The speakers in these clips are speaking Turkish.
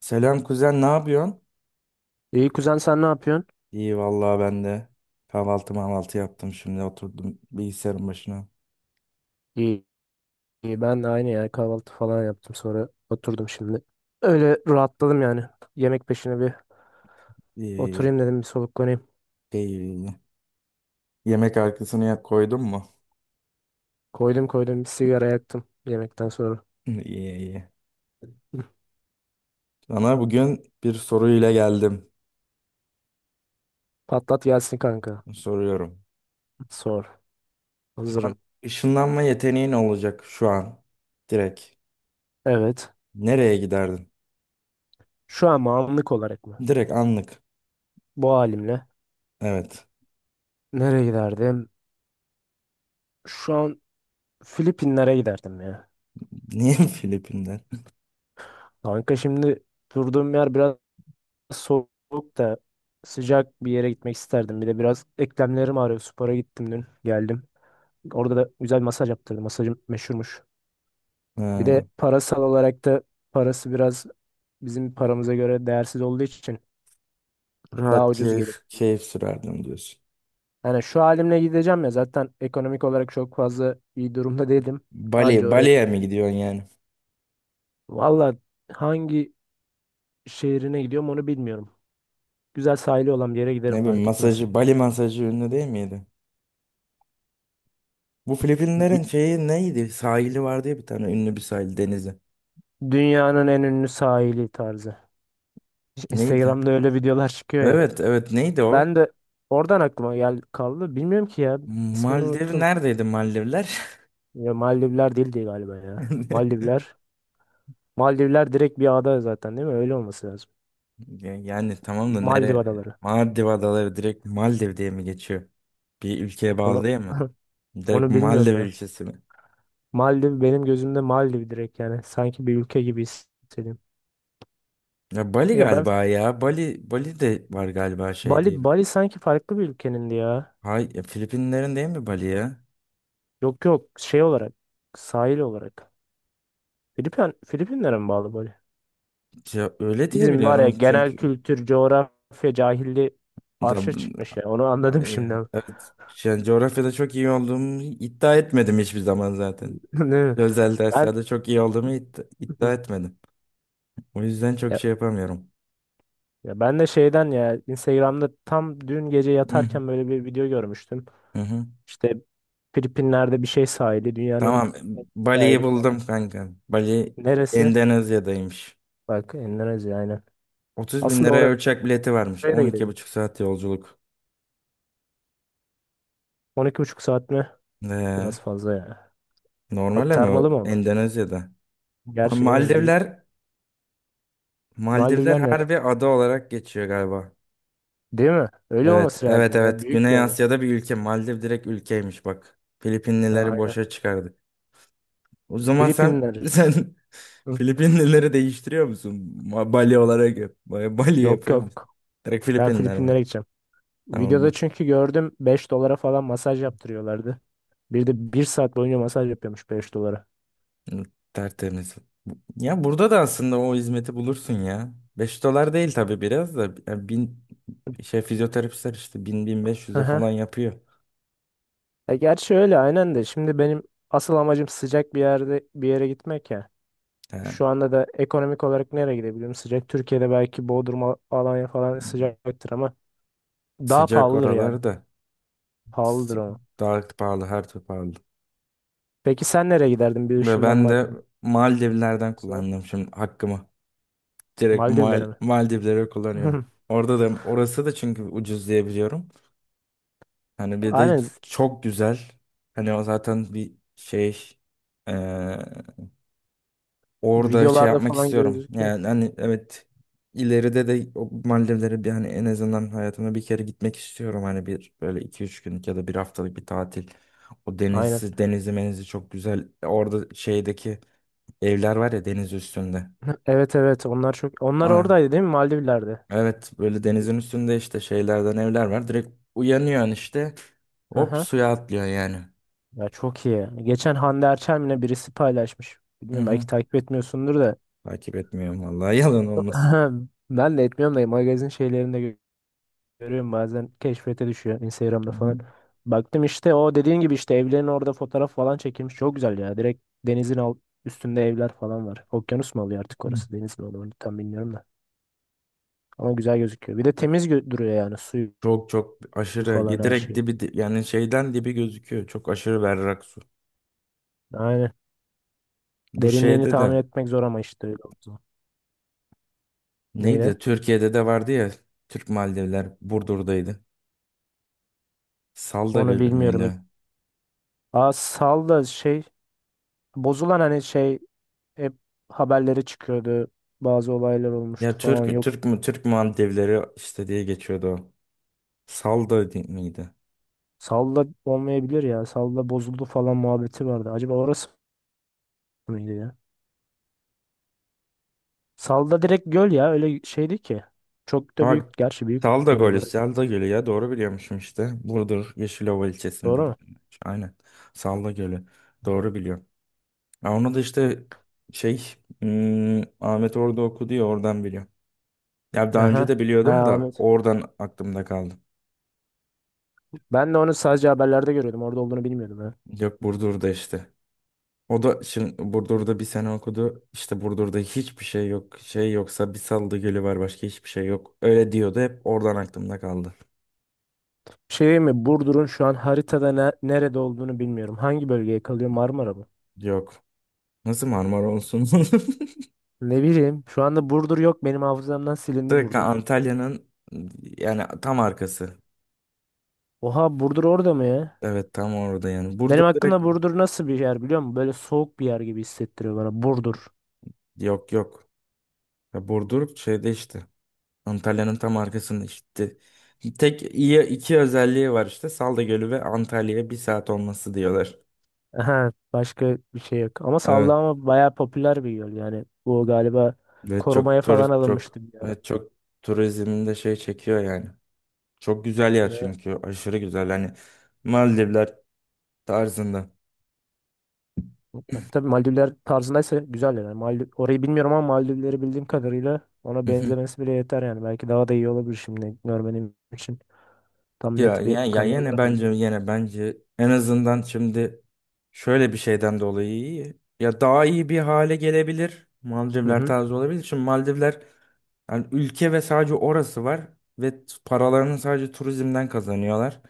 Selam kuzen, ne yapıyorsun? İyi kuzen sen ne yapıyorsun? İyi vallahi ben de kahvaltı mahvaltı yaptım şimdi oturdum bilgisayarın başına. İyi, iyi ben de aynı ya kahvaltı falan yaptım sonra oturdum şimdi. Öyle rahatladım yani. Yemek peşine bir İyi iyi. oturayım dedim bir soluklanayım. İyi, iyi, iyi. Yemek arkasını ya koydun mu? Koydum koydum bir sigara yaktım yemekten sonra. İyi iyi. Hı. Sana bugün bir soruyla geldim. Patlat gelsin kanka. Soruyorum. Sor. Şu an Hazırım. ışınlanma yeteneğin olacak şu an. Direkt. Evet. Nereye giderdin? Şu an mı, anlık olarak mı? Direkt anlık. Bu halimle. Evet. Nereye giderdim? Şu an Filipinlere giderdim ya. Niye Filipinler? Kanka şimdi durduğum yer biraz soğuk da sıcak bir yere gitmek isterdim. Bir de biraz eklemlerim ağrıyor. Spora gittim dün, geldim. Orada da güzel bir masaj yaptırdım. Masajım meşhurmuş. Bir Ha, de parasal olarak da parası biraz bizim paramıza göre değersiz olduğu için daha rahat ucuz gelir. Keyif sürerdim diyorsun. Yani şu halimle gideceğim ya zaten ekonomik olarak çok fazla iyi durumda değilim. Anca oraya Bali'ye giderim. mi gidiyorsun yani? Valla hangi şehrine gidiyorum onu bilmiyorum. Güzel sahili olan bir yere giderim Ne bileyim fark etmez. masajı, Bali masajı ünlü değil miydi? Bu Filipinlerin Bir- şeyi neydi? Sahili vardı ya bir tane ünlü bir sahil denizi. Dünyanın en ünlü sahili tarzı. Neydi? Instagram'da öyle videolar çıkıyor ya. Evet, evet, neydi Ben o? de oradan aklıma gel kaldı. Bilmiyorum ki ya. İsmini Maldiv unuttum. neredeydi Maldivler? Ya Maldivler değildi galiba ya. Maldivler. Maldivler direkt bir ada zaten değil mi? Öyle olması lazım. Yani tamam da Maldiv nere? adaları. Maldiv adaları direkt Maldiv diye mi geçiyor? Bir ülkeye bağlı Onu değil mi? Direkt onu Maldiv bilmiyorum ya. ülkesi mi? Maldiv benim gözümde Maldiv direkt yani. Sanki bir ülke gibi hissediyorum. Ya Bali Ya ben galiba ya. Bali de var galiba şey Bali diye. Bali sanki farklı bir ülkenin ya. Hay, ya Filipinlerin değil mi Bali ya? Yok yok şey olarak sahil olarak. Filipinlere mi bağlı Bali? Ya öyle diye Bizim var ya biliyorum genel çünkü. kültür, coğrafya cahilliği arşa çıkmış ya. Onu anladım Ay, şimdi. evet. Yani coğrafyada çok iyi olduğumu iddia etmedim hiçbir zaman zaten. Değil Özel Ben derslerde çok iyi olduğumu iddia etmedim. O yüzden çok ya, şey yapamıyorum. ya, ben de şeyden ya Instagram'da tam dün gece Hı hı. yatarken böyle bir video görmüştüm. Hı hı. İşte Filipinler'de bir şey sahili, dünyanın Tamam. en küçük Bali'yi sahili falan. buldum kanka. Bali Neresi? Endonezya'daymış. Bak Endonezya aynen. 30 bin Aslında liraya oraya uçak bileti varmış. da on iki gidelim. buçuk saat yolculuk. 12,5 saat mi? Ee, Biraz fazla ya. normal ama o Aktarmalı mı ama? Endonezya'da. Gerçi değil mi? Maldivler, Maldivler Maldivler nere? harbi ada olarak geçiyor galiba. Değil mi? Öyle Evet, olması evet, lazım ya. evet. Büyük bir Güney ada. Asya'da bir ülke. Maldiv direkt ülkeymiş bak. Ha, Filipinlileri aynen. boşa çıkardık. O zaman sen Filipinler. sen Hı, Filipinlileri değiştiriyor musun? Bali olarak yap. Bali yok yapıyor musun? yok. Direkt Ben Filipinler var. Filipinlere gideceğim. Tamam Videoda mı? çünkü gördüm 5 dolara falan masaj yaptırıyorlardı. Bir de bir saat boyunca masaj yapıyormuş 5 dolara. Hı, tertemiz. Ya burada da aslında o hizmeti bulursun ya. 5 dolar değil tabii biraz da. Ya bin, şey fizyoterapistler işte bin bin beş Hı yüz'e hı. falan yapıyor. E gerçi öyle aynen de. Şimdi benim asıl amacım sıcak bir yerde bir yere gitmek ya. Şu Ha. anda da ekonomik olarak nereye gidebilirim? Sıcak Türkiye'de belki Bodrum, Alanya falan sıcaktır ama daha Sıcak pahalıdır yani. oralarda. Pahalıdır S- o. Daha pahalı, her türlü pahalı. Peki sen nereye giderdin bir Ve ben ışınlanmak de Maldivlerden olsa? kullandım şimdi hakkımı. Direkt Maldivlere mi? Maldivlere kullanıyorum. Orada da orası da çünkü ucuz diye biliyorum. Hani bir de Aynen z- çok güzel. Hani o zaten bir şey eee, orada şey videolarda yapmak falan istiyorum. gözüküyor. Yani hani evet ileride de o Maldivlere bir hani en azından hayatımda bir kere gitmek istiyorum. Hani bir böyle iki üç günlük ya da bir haftalık bir tatil. Aynen. Denizi menizi çok güzel. Orada şeydeki evler var ya deniz üstünde. Evet evet onlar çok onlar Ay, oradaydı değil mi Maldivler'de? evet böyle denizin üstünde işte şeylerden evler var. Direkt uyanıyorsun işte. Hop Aha. suya atlıyorsun yani. Ya çok iyi. Geçen Hande Erçel'le birisi paylaşmış. Hı Bilmiyorum hı. belki takip etmiyorsundur da. Takip etmiyorum vallahi yalan olmasın. Ben de etmiyorum da magazin şeylerinde görüyorum bazen keşfete düşüyor Hı Instagram'da falan. hı. Baktım işte o dediğin gibi işte evlerin orada fotoğraf falan çekilmiş. Çok güzel ya. Direkt denizin al üstünde evler falan var. Okyanus mu oluyor artık Hı. orası? Deniz mi oluyor? Onu tam bilmiyorum da. Ama güzel gözüküyor. Bir de temiz duruyor yani suyu Çok çok falan aşırı her direkt şeyi. Yani şeyden dibi gözüküyor. Çok aşırı berrak su. Aynen. Bu Derinliğini şeyde tahmin de etmek zor ama işte öyle oldu. neydi? Neyle? Türkiye'de de vardı ya Türk Maldivler Burdur'daydı. Salda Onu Gölü bilmiyorum. Müydü? Aa sal da şey bozulan hani şey hep haberleri çıkıyordu. Bazı olaylar olmuştu Ya falan. Türk Yok Türk mü Türk Maldivleri işte diye geçiyordu o. Miydi? Salda olmayabilir ya. Salda bozuldu falan muhabbeti vardı. Acaba orası mıydı ya? Salda direkt göl ya. Öyle şeydi ki. Çok da Ama büyük. bak Gerçi büyük Salda göl Gölü, olarak. Salda Gölü ya doğru biliyormuşum işte. Burdur Yeşilova ilçesinde. Doğru mu? Aynen. Salda Gölü. Doğru biliyorum. Ya onu da işte şey Ahmet orada okudu ya oradan biliyorum. Ya daha Aha. önce de Ha biliyordum da Ahmet. oradan aklımda kaldı. Ben de onu sadece haberlerde görüyordum. Orada olduğunu bilmiyordum ha. Yok Burdur'da işte. O da şimdi Burdur'da bir sene okudu. İşte Burdur'da hiçbir şey yok. Şey yoksa bir Salda Gölü var başka hiçbir şey yok. Öyle diyordu hep oradan aklımda kaldı. Şey mi? Burdur'un şu an haritada nerede olduğunu bilmiyorum. Hangi bölgeye kalıyor? Marmara mı? Yok. Nasıl Marmara olsun? Ne bileyim. Şu anda Burdur yok. Benim hafızamdan silindi Direkt Burdur. Antalya'nın yani tam arkası. Oha Burdur orada mı ya? Evet tam orada yani. Burdur Benim direkt hakkında Burdur nasıl bir yer biliyor musun? Böyle soğuk bir yer gibi hissettiriyor bana. Burdur. yok yok. Ya Burdur şeyde işte. Antalya'nın tam arkasında işte. Tek iyi iki özelliği var işte. Salda Gölü ve Antalya'ya bir saat olması diyorlar. Aha, başka bir şey yok. Ama Evet. sallama bayağı popüler bir yol yani. Bu galiba Ve korumaya çok falan turist çok, alınmıştı bir ara. evet, çok turizmin de şey çekiyor yani. Çok güzel yer Ne? çünkü. Aşırı güzel. Hani Maldivler tarzında. Tabii Maldivler tarzındaysa güzel yani. Maldiv, orayı bilmiyorum ama Maldivleri bildiğim kadarıyla ona benzemesi bile yeter yani. Belki daha da iyi olabilir şimdi görmenim için. Tam Ya, net bir ya, ya kanıya yine varamayayım. bence yine bence en azından şimdi şöyle bir şeyden dolayı iyi. Ya daha iyi bir hale gelebilir. Hı Maldivler hı. tarzı olabilir. Şimdi Maldivler yani ülke ve sadece orası var ve paralarını sadece turizmden kazanıyorlar.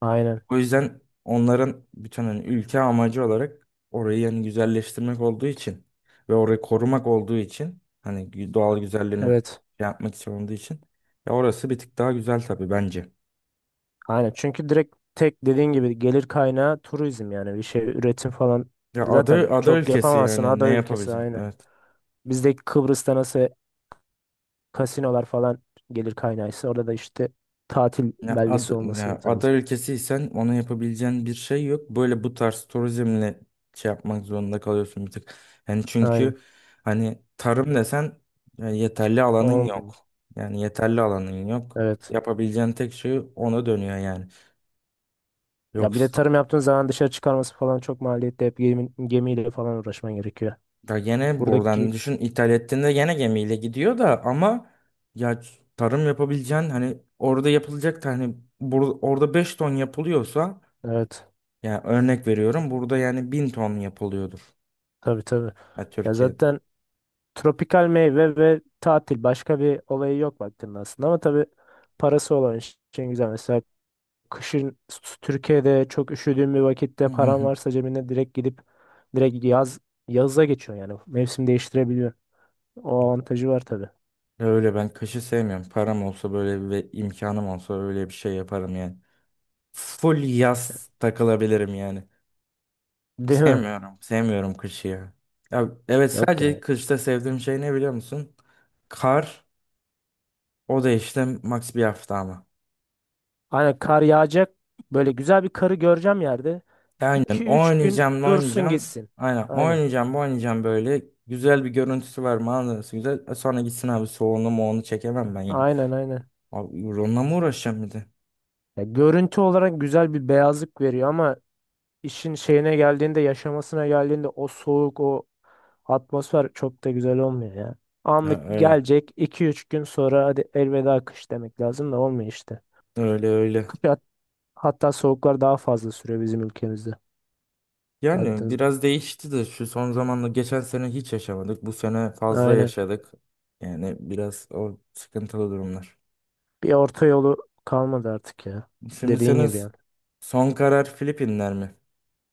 Aynen. O yüzden onların bütün hani ülke amacı olarak orayı yani güzelleştirmek olduğu için ve orayı korumak olduğu için hani doğal güzelliğini Evet. şey yapmak için olduğu için ya orası bir tık daha güzel tabii bence. Aynen. Çünkü direkt tek dediğin gibi gelir kaynağı turizm yani bir şey üretim falan zaten Ada çok ülkesi yapamazsın yani ne ada ülkesi yapabileceksin? aynı. Evet. Bizdeki Kıbrıs'ta nasıl kasinolar falan gelir kaynağıysa orada da işte tatil beldesi olması Ya ada lazım. ülkesiysen ona yapabileceğin bir şey yok. Böyle bu tarz turizmle şey yapmak zorunda kalıyorsun bir tık. Yani Aynen. çünkü hani tarım desen ya yeterli alanın Olmuyor. yok. Yani yeterli alanın yok. Evet. Yapabileceğin tek şey ona dönüyor yani. Ya bir de Yoksa tarım yaptığın zaman dışarı çıkarması falan çok maliyetli. Hep gemiyle falan uğraşman gerekiyor. da gene buradan Buradaki düşün ithal ettiğinde gene gemiyle gidiyor da ama ya tarım yapabileceğin hani orada yapılacak da hani orada 5 ton yapılıyorsa. evet Yani örnek veriyorum burada yani 1000 ton yapılıyordur. tabii tabii. Ya Ya Türkiye'de. zaten tropikal meyve ve tatil başka bir olayı yok baktığında aslında ama tabii parası olan için güzel. Mesela kışın Türkiye'de çok üşüdüğün bir vakitte Hı hı paran hı. varsa cebine direkt gidip direkt yaza geçiyor yani mevsim değiştirebiliyor. O avantajı var tabii. Öyle ben kışı sevmiyorum. Param olsa böyle ve imkanım olsa öyle bir şey yaparım yani. Full yaz takılabilirim yani. Değil mi? Sevmiyorum. Sevmiyorum kışı ya. Ya evet Yok sadece yani. kışta sevdiğim şey ne biliyor musun? Kar. O da işte max bir hafta ama. Aynen kar yağacak. Böyle güzel bir karı göreceğim yerde. Aynen 2-3 gün oynayacağım dursun oynayacağım. gitsin. Aynen Aynen. oynayacağım oynayacağım böyle. Güzel bir görüntüsü var manzarası güzel. Sonra gitsin abi soğuğunu moğunu çekemem ben ya. Aynen aynen. Abi onunla mı uğraşacağım bir de? Ya görüntü olarak güzel bir beyazlık veriyor ama işin şeyine geldiğinde, yaşamasına geldiğinde o soğuk, o atmosfer çok da güzel olmuyor ya. Ya Anlık öyle. gelecek 2-3 gün sonra hadi elveda kış demek lazım da olmuyor işte. Öyle öyle. Kış hat- hatta soğuklar daha fazla sürüyor bizim ülkemizde Yani baktığınız. biraz değişti de şu son zamanla geçen sene hiç yaşamadık. Bu sene fazla Aynen. yaşadık. Yani biraz o sıkıntılı durumlar. Bir orta yolu kalmadı artık ya. Şimdi Dediğin senin gibi yani. son karar Filipinler mi?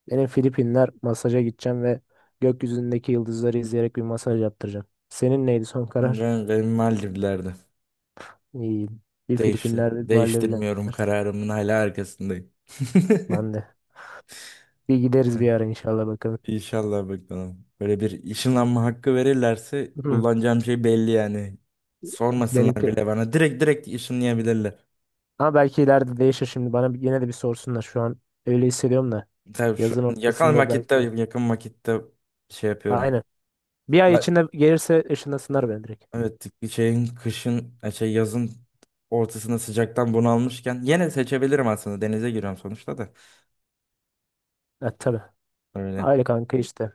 Benim Filipinler masaja gideceğim ve gökyüzündeki yıldızları izleyerek bir masaj yaptıracağım. Senin neydi son karar? Benim Maldivler'de. İyi. Bir Filipinler, bir Maldivler. Değiştirmiyorum kararımın hala arkasındayım. Ben de. Bir gideriz bir ara inşallah bakalım. İnşallah bakalım. Böyle bir ışınlanma hakkı verirlerse Hı, kullanacağım şey belli yani. Sormasınlar Benimki bile bana. Direkt direkt ışınlayabilirler. Ama belki ileride değişir şimdi. Bana yine de bir sorsunlar. Şu an öyle hissediyorum da. Tabii şu Yazın an yakın ortasında vakitte belki de. yakın vakitte şey yapıyorum. Aynen. Bir ay Ben, içinde gelirse ışınlasınlar beni direkt. evet bir şeyin kışın şey yazın ortasında sıcaktan bunalmışken yine seçebilirim aslında. Denize giriyorum sonuçta da. Evet tabii. Öyle. Aile kanka işte.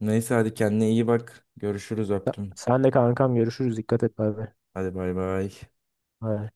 Neyse hadi kendine iyi bak. Görüşürüz öptüm. Sen de kankam görüşürüz. Dikkat et abi. Hadi bay bay. Bay bay.